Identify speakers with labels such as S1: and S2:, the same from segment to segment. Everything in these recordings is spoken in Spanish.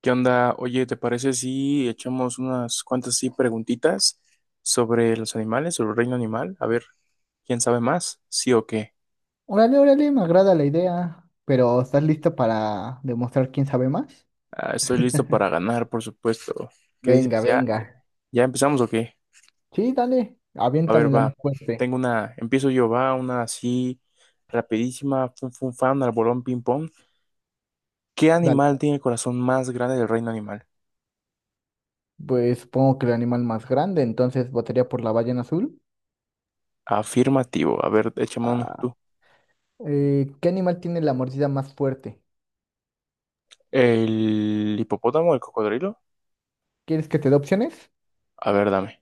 S1: ¿Qué onda? Oye, ¿te parece si echamos unas cuantas sí preguntitas sobre los animales, sobre el reino animal? A ver, ¿quién sabe más? ¿Sí o qué?
S2: Órale, órale, me agrada la idea, pero ¿estás listo para demostrar quién sabe más?
S1: Ah, estoy listo para ganar, por supuesto. ¿Qué
S2: Venga,
S1: dices? ¿Ya,
S2: venga.
S1: ya empezamos o qué?
S2: Sí, dale,
S1: A
S2: aviéntame
S1: ver,
S2: la más
S1: va.
S2: fuerte.
S1: Tengo una, empiezo yo, va, una así rapidísima, fun fun fan, al bolón ping pong. ¿Qué
S2: Dale.
S1: animal tiene el corazón más grande del reino animal?
S2: Pues supongo que el animal más grande, entonces votaría por la ballena azul.
S1: Afirmativo. A ver, échame uno tú.
S2: ¿Qué animal tiene la mordida más fuerte?
S1: ¿El hipopótamo, el cocodrilo?
S2: ¿Quieres que te dé opciones?
S1: A ver, dame.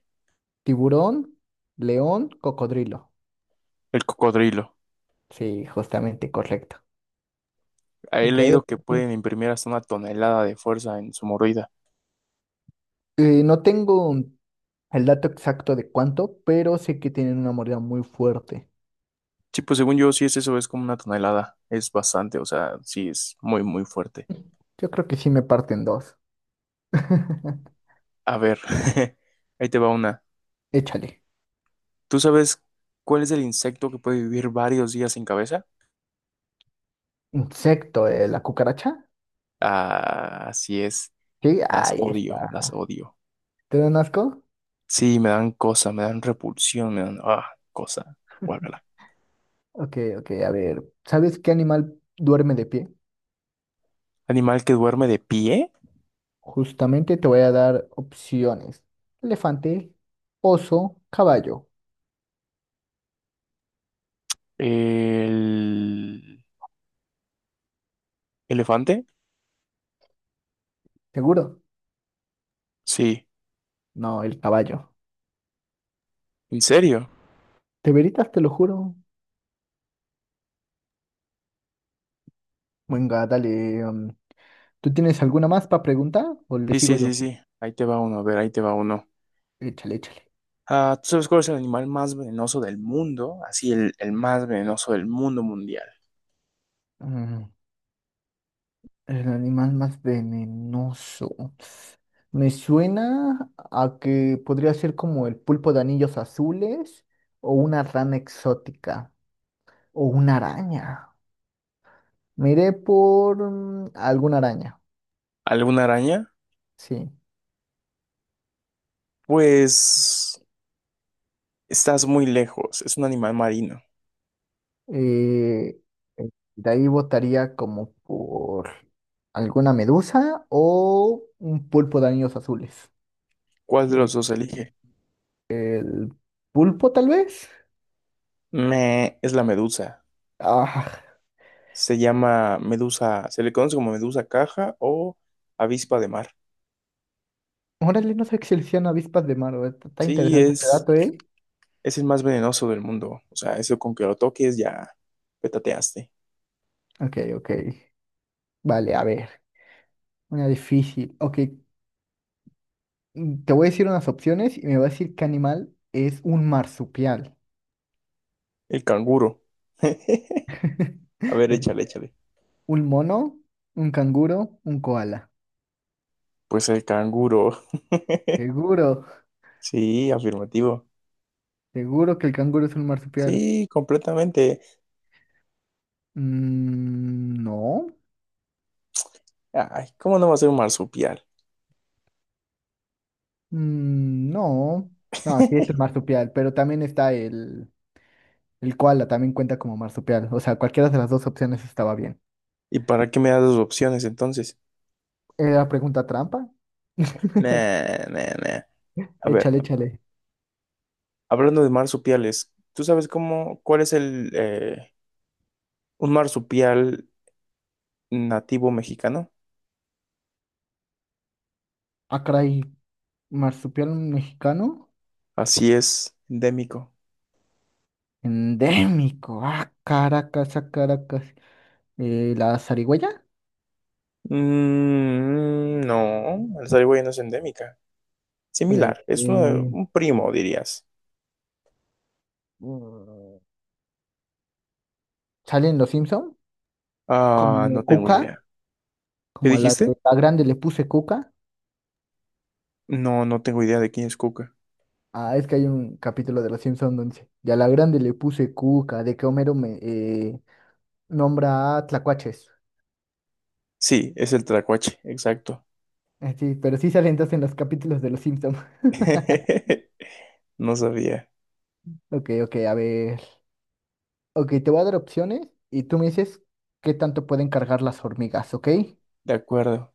S2: Tiburón, león, cocodrilo.
S1: El cocodrilo.
S2: Sí, justamente, correcto.
S1: He
S2: Ok.
S1: leído que pueden imprimir hasta una tonelada de fuerza en su mordida.
S2: No tengo el dato exacto de cuánto, pero sé que tienen una mordida muy fuerte.
S1: Sí, pues según yo, sí es eso, es como una tonelada. Es bastante, o sea, sí es muy, muy fuerte.
S2: Yo creo que sí me parten dos.
S1: A ver, ahí te va una.
S2: Échale.
S1: ¿Tú sabes cuál es el insecto que puede vivir varios días sin cabeza?
S2: Insecto, la cucaracha.
S1: Ah, así es.
S2: Sí,
S1: Las
S2: ahí
S1: odio, las
S2: está.
S1: odio.
S2: ¿Te dan asco?
S1: Sí, me dan cosa, me dan repulsión, me dan, cosa. Guácala.
S2: Ok, ok, a ver. ¿Sabes qué animal duerme de pie?
S1: Animal que duerme de pie.
S2: Justamente te voy a dar opciones. Elefante, oso, caballo.
S1: El elefante.
S2: ¿Seguro?
S1: Sí,
S2: No, el caballo.
S1: en serio.
S2: ¿Te veritas? Te lo juro. Venga, dale. ¿Tú tienes alguna más para preguntar o le
S1: Sí,
S2: sigo
S1: sí,
S2: yo?
S1: sí, sí. Ahí te va uno, a ver, ahí te va uno.
S2: Échale, échale.
S1: Ah, ¿tú sabes cuál es el animal más venenoso del mundo? Así, el más venenoso del mundo mundial.
S2: Mm, El animal más venenoso. Me suena a que podría ser como el pulpo de anillos azules o una rana exótica o una araña. Me iré por alguna araña,
S1: ¿Alguna araña?
S2: sí.
S1: Pues estás muy lejos. Es un animal marino.
S2: Eh, eh, de ahí votaría como por alguna medusa o un pulpo de anillos azules.
S1: ¿Cuál de
S2: Eh,
S1: los dos elige?
S2: el pulpo tal vez.
S1: Es la medusa.
S2: Ah,
S1: Se llama medusa, se le conoce como medusa caja o avispa de mar.
S2: órale, no sé que seleccionan avispas de mar, güey. Está
S1: Sí,
S2: interesante este dato, ¿eh?
S1: es el más venenoso del mundo. O sea, eso con que lo toques ya petateaste.
S2: Ok, ok. Vale, a ver, una difícil. Ok, te voy a decir unas opciones y me vas a decir qué animal es un marsupial.
S1: El canguro. A ver,
S2: Eh,
S1: échale, échale.
S2: ¿Un mono? ¿Un canguro? ¿Un koala?
S1: Pues el canguro.
S2: Seguro,
S1: Sí, afirmativo.
S2: seguro que el canguro es un marsupial.
S1: Sí, completamente.
S2: Mm, no.
S1: Ay, ¿cómo no va a ser un marsupial?
S2: Mm, no. No, sí es un marsupial, pero también está el koala, también cuenta como marsupial. O sea, cualquiera de las dos opciones estaba bien.
S1: ¿Y para qué me das dos opciones entonces?
S2: ¿Era pregunta trampa?
S1: Nah, nah, nah. A ver,
S2: Échale, échale.
S1: hablando de marsupiales, ¿tú sabes cómo, cuál es el, un marsupial nativo mexicano?
S2: Ah, caray, marsupial mexicano.
S1: Así es, endémico.
S2: Endémico. Ah, Caracas, ah, Caracas. ¿La zarigüeya?
S1: Mm, no, la zarigüeya no es endémica.
S2: Eh,
S1: Similar, es uno
S2: eh,
S1: un primo, dirías.
S2: mm, ¿Sale en Los Simpson?
S1: Ah, no
S2: Como
S1: tengo
S2: Cuca,
S1: idea. ¿Qué
S2: como a la,
S1: dijiste?
S2: la grande le puse Cuca.
S1: No, no tengo idea de quién es Cuca.
S2: Ah, es que hay un capítulo de Los Simpson donde dice, y a la grande le puse Cuca, de que Homero me nombra a tlacuaches.
S1: Sí, es el Tracuache, exacto.
S2: Sí, pero sí salen entonces en los capítulos de Los Simpson.
S1: No sabía.
S2: Ok, ok, a ver. Ok, te voy a dar opciones y tú me dices qué tanto pueden cargar las hormigas, ¿ok?
S1: De acuerdo.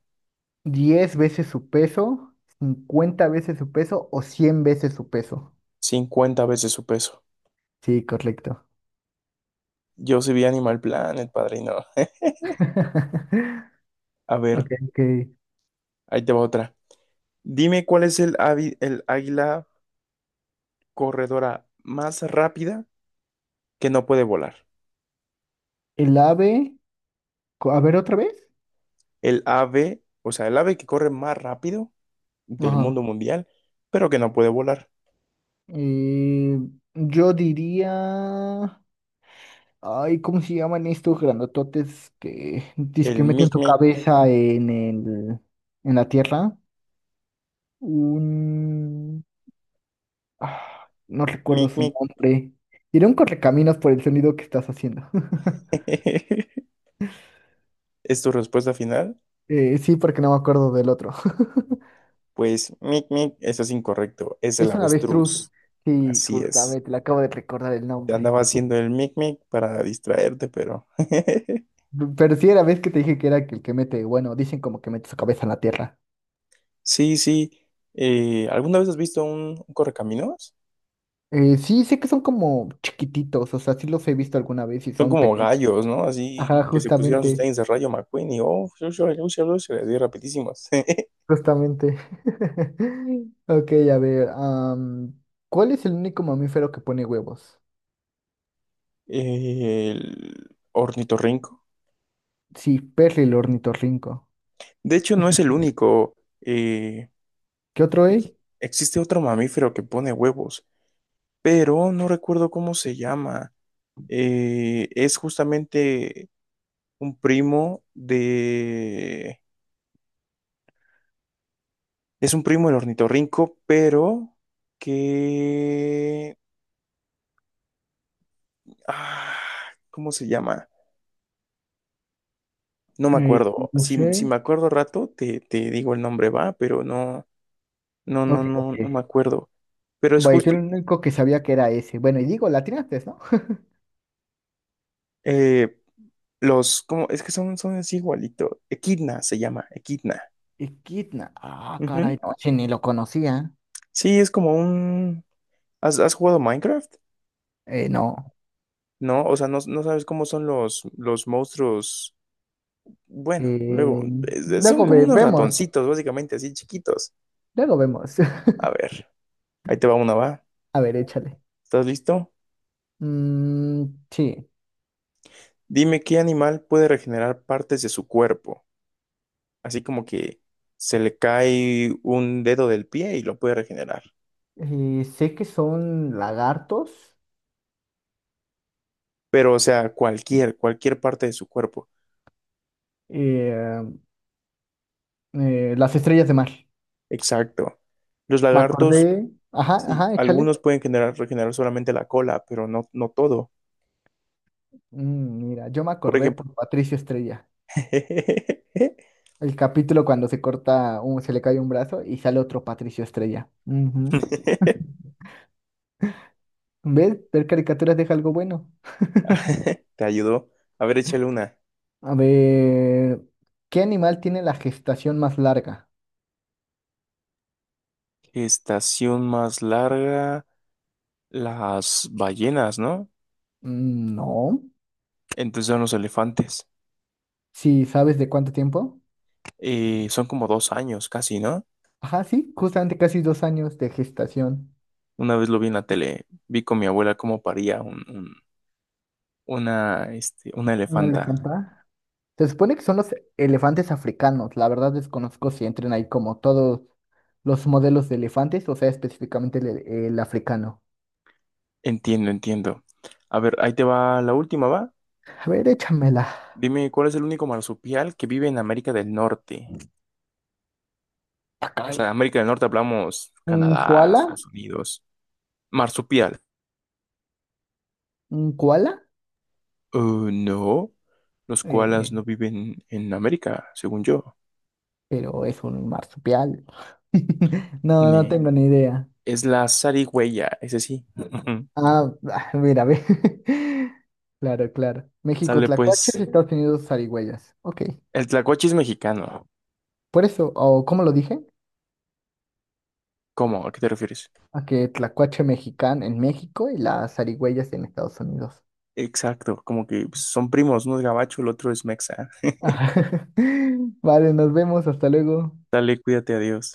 S2: 10 veces su peso, 50 veces su peso o 100 veces su peso.
S1: 50 veces su peso.
S2: Sí, correcto.
S1: Yo sí vi Animal Planet, padrino. A ver,
S2: Ok, ok.
S1: ahí te va otra. Dime cuál es el, el águila corredora más rápida que no puede volar.
S2: El ave, a ver otra vez.
S1: El ave, o sea, el ave que corre más rápido del
S2: Ajá.
S1: mundo mundial, pero que no puede volar.
S2: Eh, yo diría, ay, ¿cómo se llaman estos grandototes
S1: El
S2: que meten
S1: mic
S2: tu
S1: mic,
S2: cabeza en en la tierra? Un... Ah, no recuerdo
S1: mic
S2: su
S1: mic.
S2: nombre. Iré un correcaminos por el sonido que estás haciendo.
S1: ¿Es tu respuesta final?
S2: Sí, porque no me acuerdo del otro.
S1: Pues, mic, mic, eso es incorrecto, es el
S2: Es una avestruz.
S1: avestruz.
S2: Sí,
S1: Así es.
S2: justamente, le acabo de recordar el
S1: Te
S2: nombre.
S1: andaba haciendo el mic, mic para distraerte, pero...
S2: Pero sí, era vez que te dije que era el que mete, bueno, dicen como que mete su cabeza en la tierra.
S1: Sí, sí. ¿Alguna vez has visto un correcaminos?
S2: Sí, sé que son como chiquititos, o sea, sí los he visto alguna vez y
S1: Son
S2: son
S1: como
S2: pequeños.
S1: gallos, ¿no? Así
S2: Ajá,
S1: que se pusieron sus
S2: justamente,
S1: tenis de Rayo McQueen y, oh, yo, así rapidísimos.
S2: justamente. Ok, a ver, ¿cuál es el único mamífero que pone huevos?
S1: El ornitorrinco.
S2: Sí, Perry el ornitorrinco.
S1: De hecho, no es el único. eh,
S2: ¿Qué otro
S1: ex-
S2: hay?
S1: existe otro mamífero que pone huevos, pero no recuerdo cómo se llama. Es justamente un primo de... Es un primo del ornitorrinco, pero que... ah, ¿cómo se llama? No me
S2: Eh,
S1: acuerdo.
S2: no
S1: Si, si
S2: sé.
S1: me acuerdo rato, te digo el nombre, va, pero no, no,
S2: Ok,
S1: no, no,
S2: ok.
S1: no me acuerdo. Pero es
S2: Bueno, yo
S1: justo...
S2: el único que sabía que era ese. Bueno, y digo, la tiraste, ¿no?
S1: eh, los... ¿cómo? Es que son, son así igualito. Equidna se llama, Equidna.
S2: Equidna. Ah,
S1: Ujú.
S2: caray, no, che, ni lo conocía.
S1: Sí, es como un... ¿Has, has jugado Minecraft?
S2: No.
S1: No, o sea, no, no sabes cómo son los monstruos. Bueno, luego,
S2: Eh,
S1: son
S2: Luego
S1: como unos
S2: vemos.
S1: ratoncitos, básicamente, así chiquitos.
S2: Luego vemos.
S1: A ver, ahí te va una, va.
S2: A ver, échale.
S1: ¿Estás listo?
S2: Mm, sí.
S1: Dime qué animal puede regenerar partes de su cuerpo. Así como que se le cae un dedo del pie y lo puede regenerar.
S2: Sé que son lagartos.
S1: Pero, o sea, cualquier, cualquier parte de su cuerpo.
S2: eh, las estrellas de mar.
S1: Exacto. Los
S2: Me
S1: lagartos,
S2: acordé. Ajá,
S1: sí,
S2: ajá, échale.
S1: algunos pueden generar, regenerar solamente la cola, pero no, no todo.
S2: Mm, mira, yo me
S1: Por
S2: acordé
S1: ejemplo.
S2: por Patricio Estrella. El capítulo cuando se corta, se le cae un brazo y sale otro Patricio Estrella. Ujú. ¿Ves? Ver caricaturas deja algo bueno.
S1: Te ayudó. A ver, échale una.
S2: A ver, ¿qué animal tiene la gestación más larga?
S1: Estación más larga, las ballenas, ¿no?
S2: Mm, no.
S1: Entonces son los elefantes.
S2: Si sabes de cuánto tiempo?
S1: Son como 2 años casi, ¿no?
S2: Ajá, sí, justamente casi 2 años de gestación.
S1: Una vez lo vi en la tele, vi con mi abuela cómo paría una, este, una
S2: ¿Un
S1: elefanta.
S2: elefante? Se supone que son los elefantes africanos. La verdad desconozco si entren ahí como todos los modelos de elefantes, o sea, específicamente el africano.
S1: Entiendo, entiendo. A ver, ahí te va la última, ¿va?
S2: A ver, échamela.
S1: Dime, ¿cuál es el único marsupial que vive en América del Norte?
S2: Acá...
S1: O sea, América del Norte hablamos
S2: Un
S1: Canadá,
S2: koala,
S1: Estados Unidos. Marsupial.
S2: un koala,
S1: Eh, no, los
S2: eh,
S1: koalas no viven en América, según yo.
S2: pero es un marsupial. No, no
S1: Ne,
S2: tengo ni idea.
S1: es la zarigüeya, ese sí.
S2: Ah, ah, mira, ve. Claro, claro. México,
S1: Sale
S2: tlacuaches,
S1: pues.
S2: Estados Unidos, zarigüeyas. Ok.
S1: El tlacuache es mexicano.
S2: Por eso, o ¿cómo lo dije?
S1: ¿Cómo? ¿A qué te refieres?
S2: A que tlacuache mexicano en México y las zarigüeyas en Estados Unidos.
S1: Exacto, como que son primos, uno es gabacho, el otro es mexa.
S2: Vale, nos vemos, hasta luego.
S1: Dale, cuídate, adiós.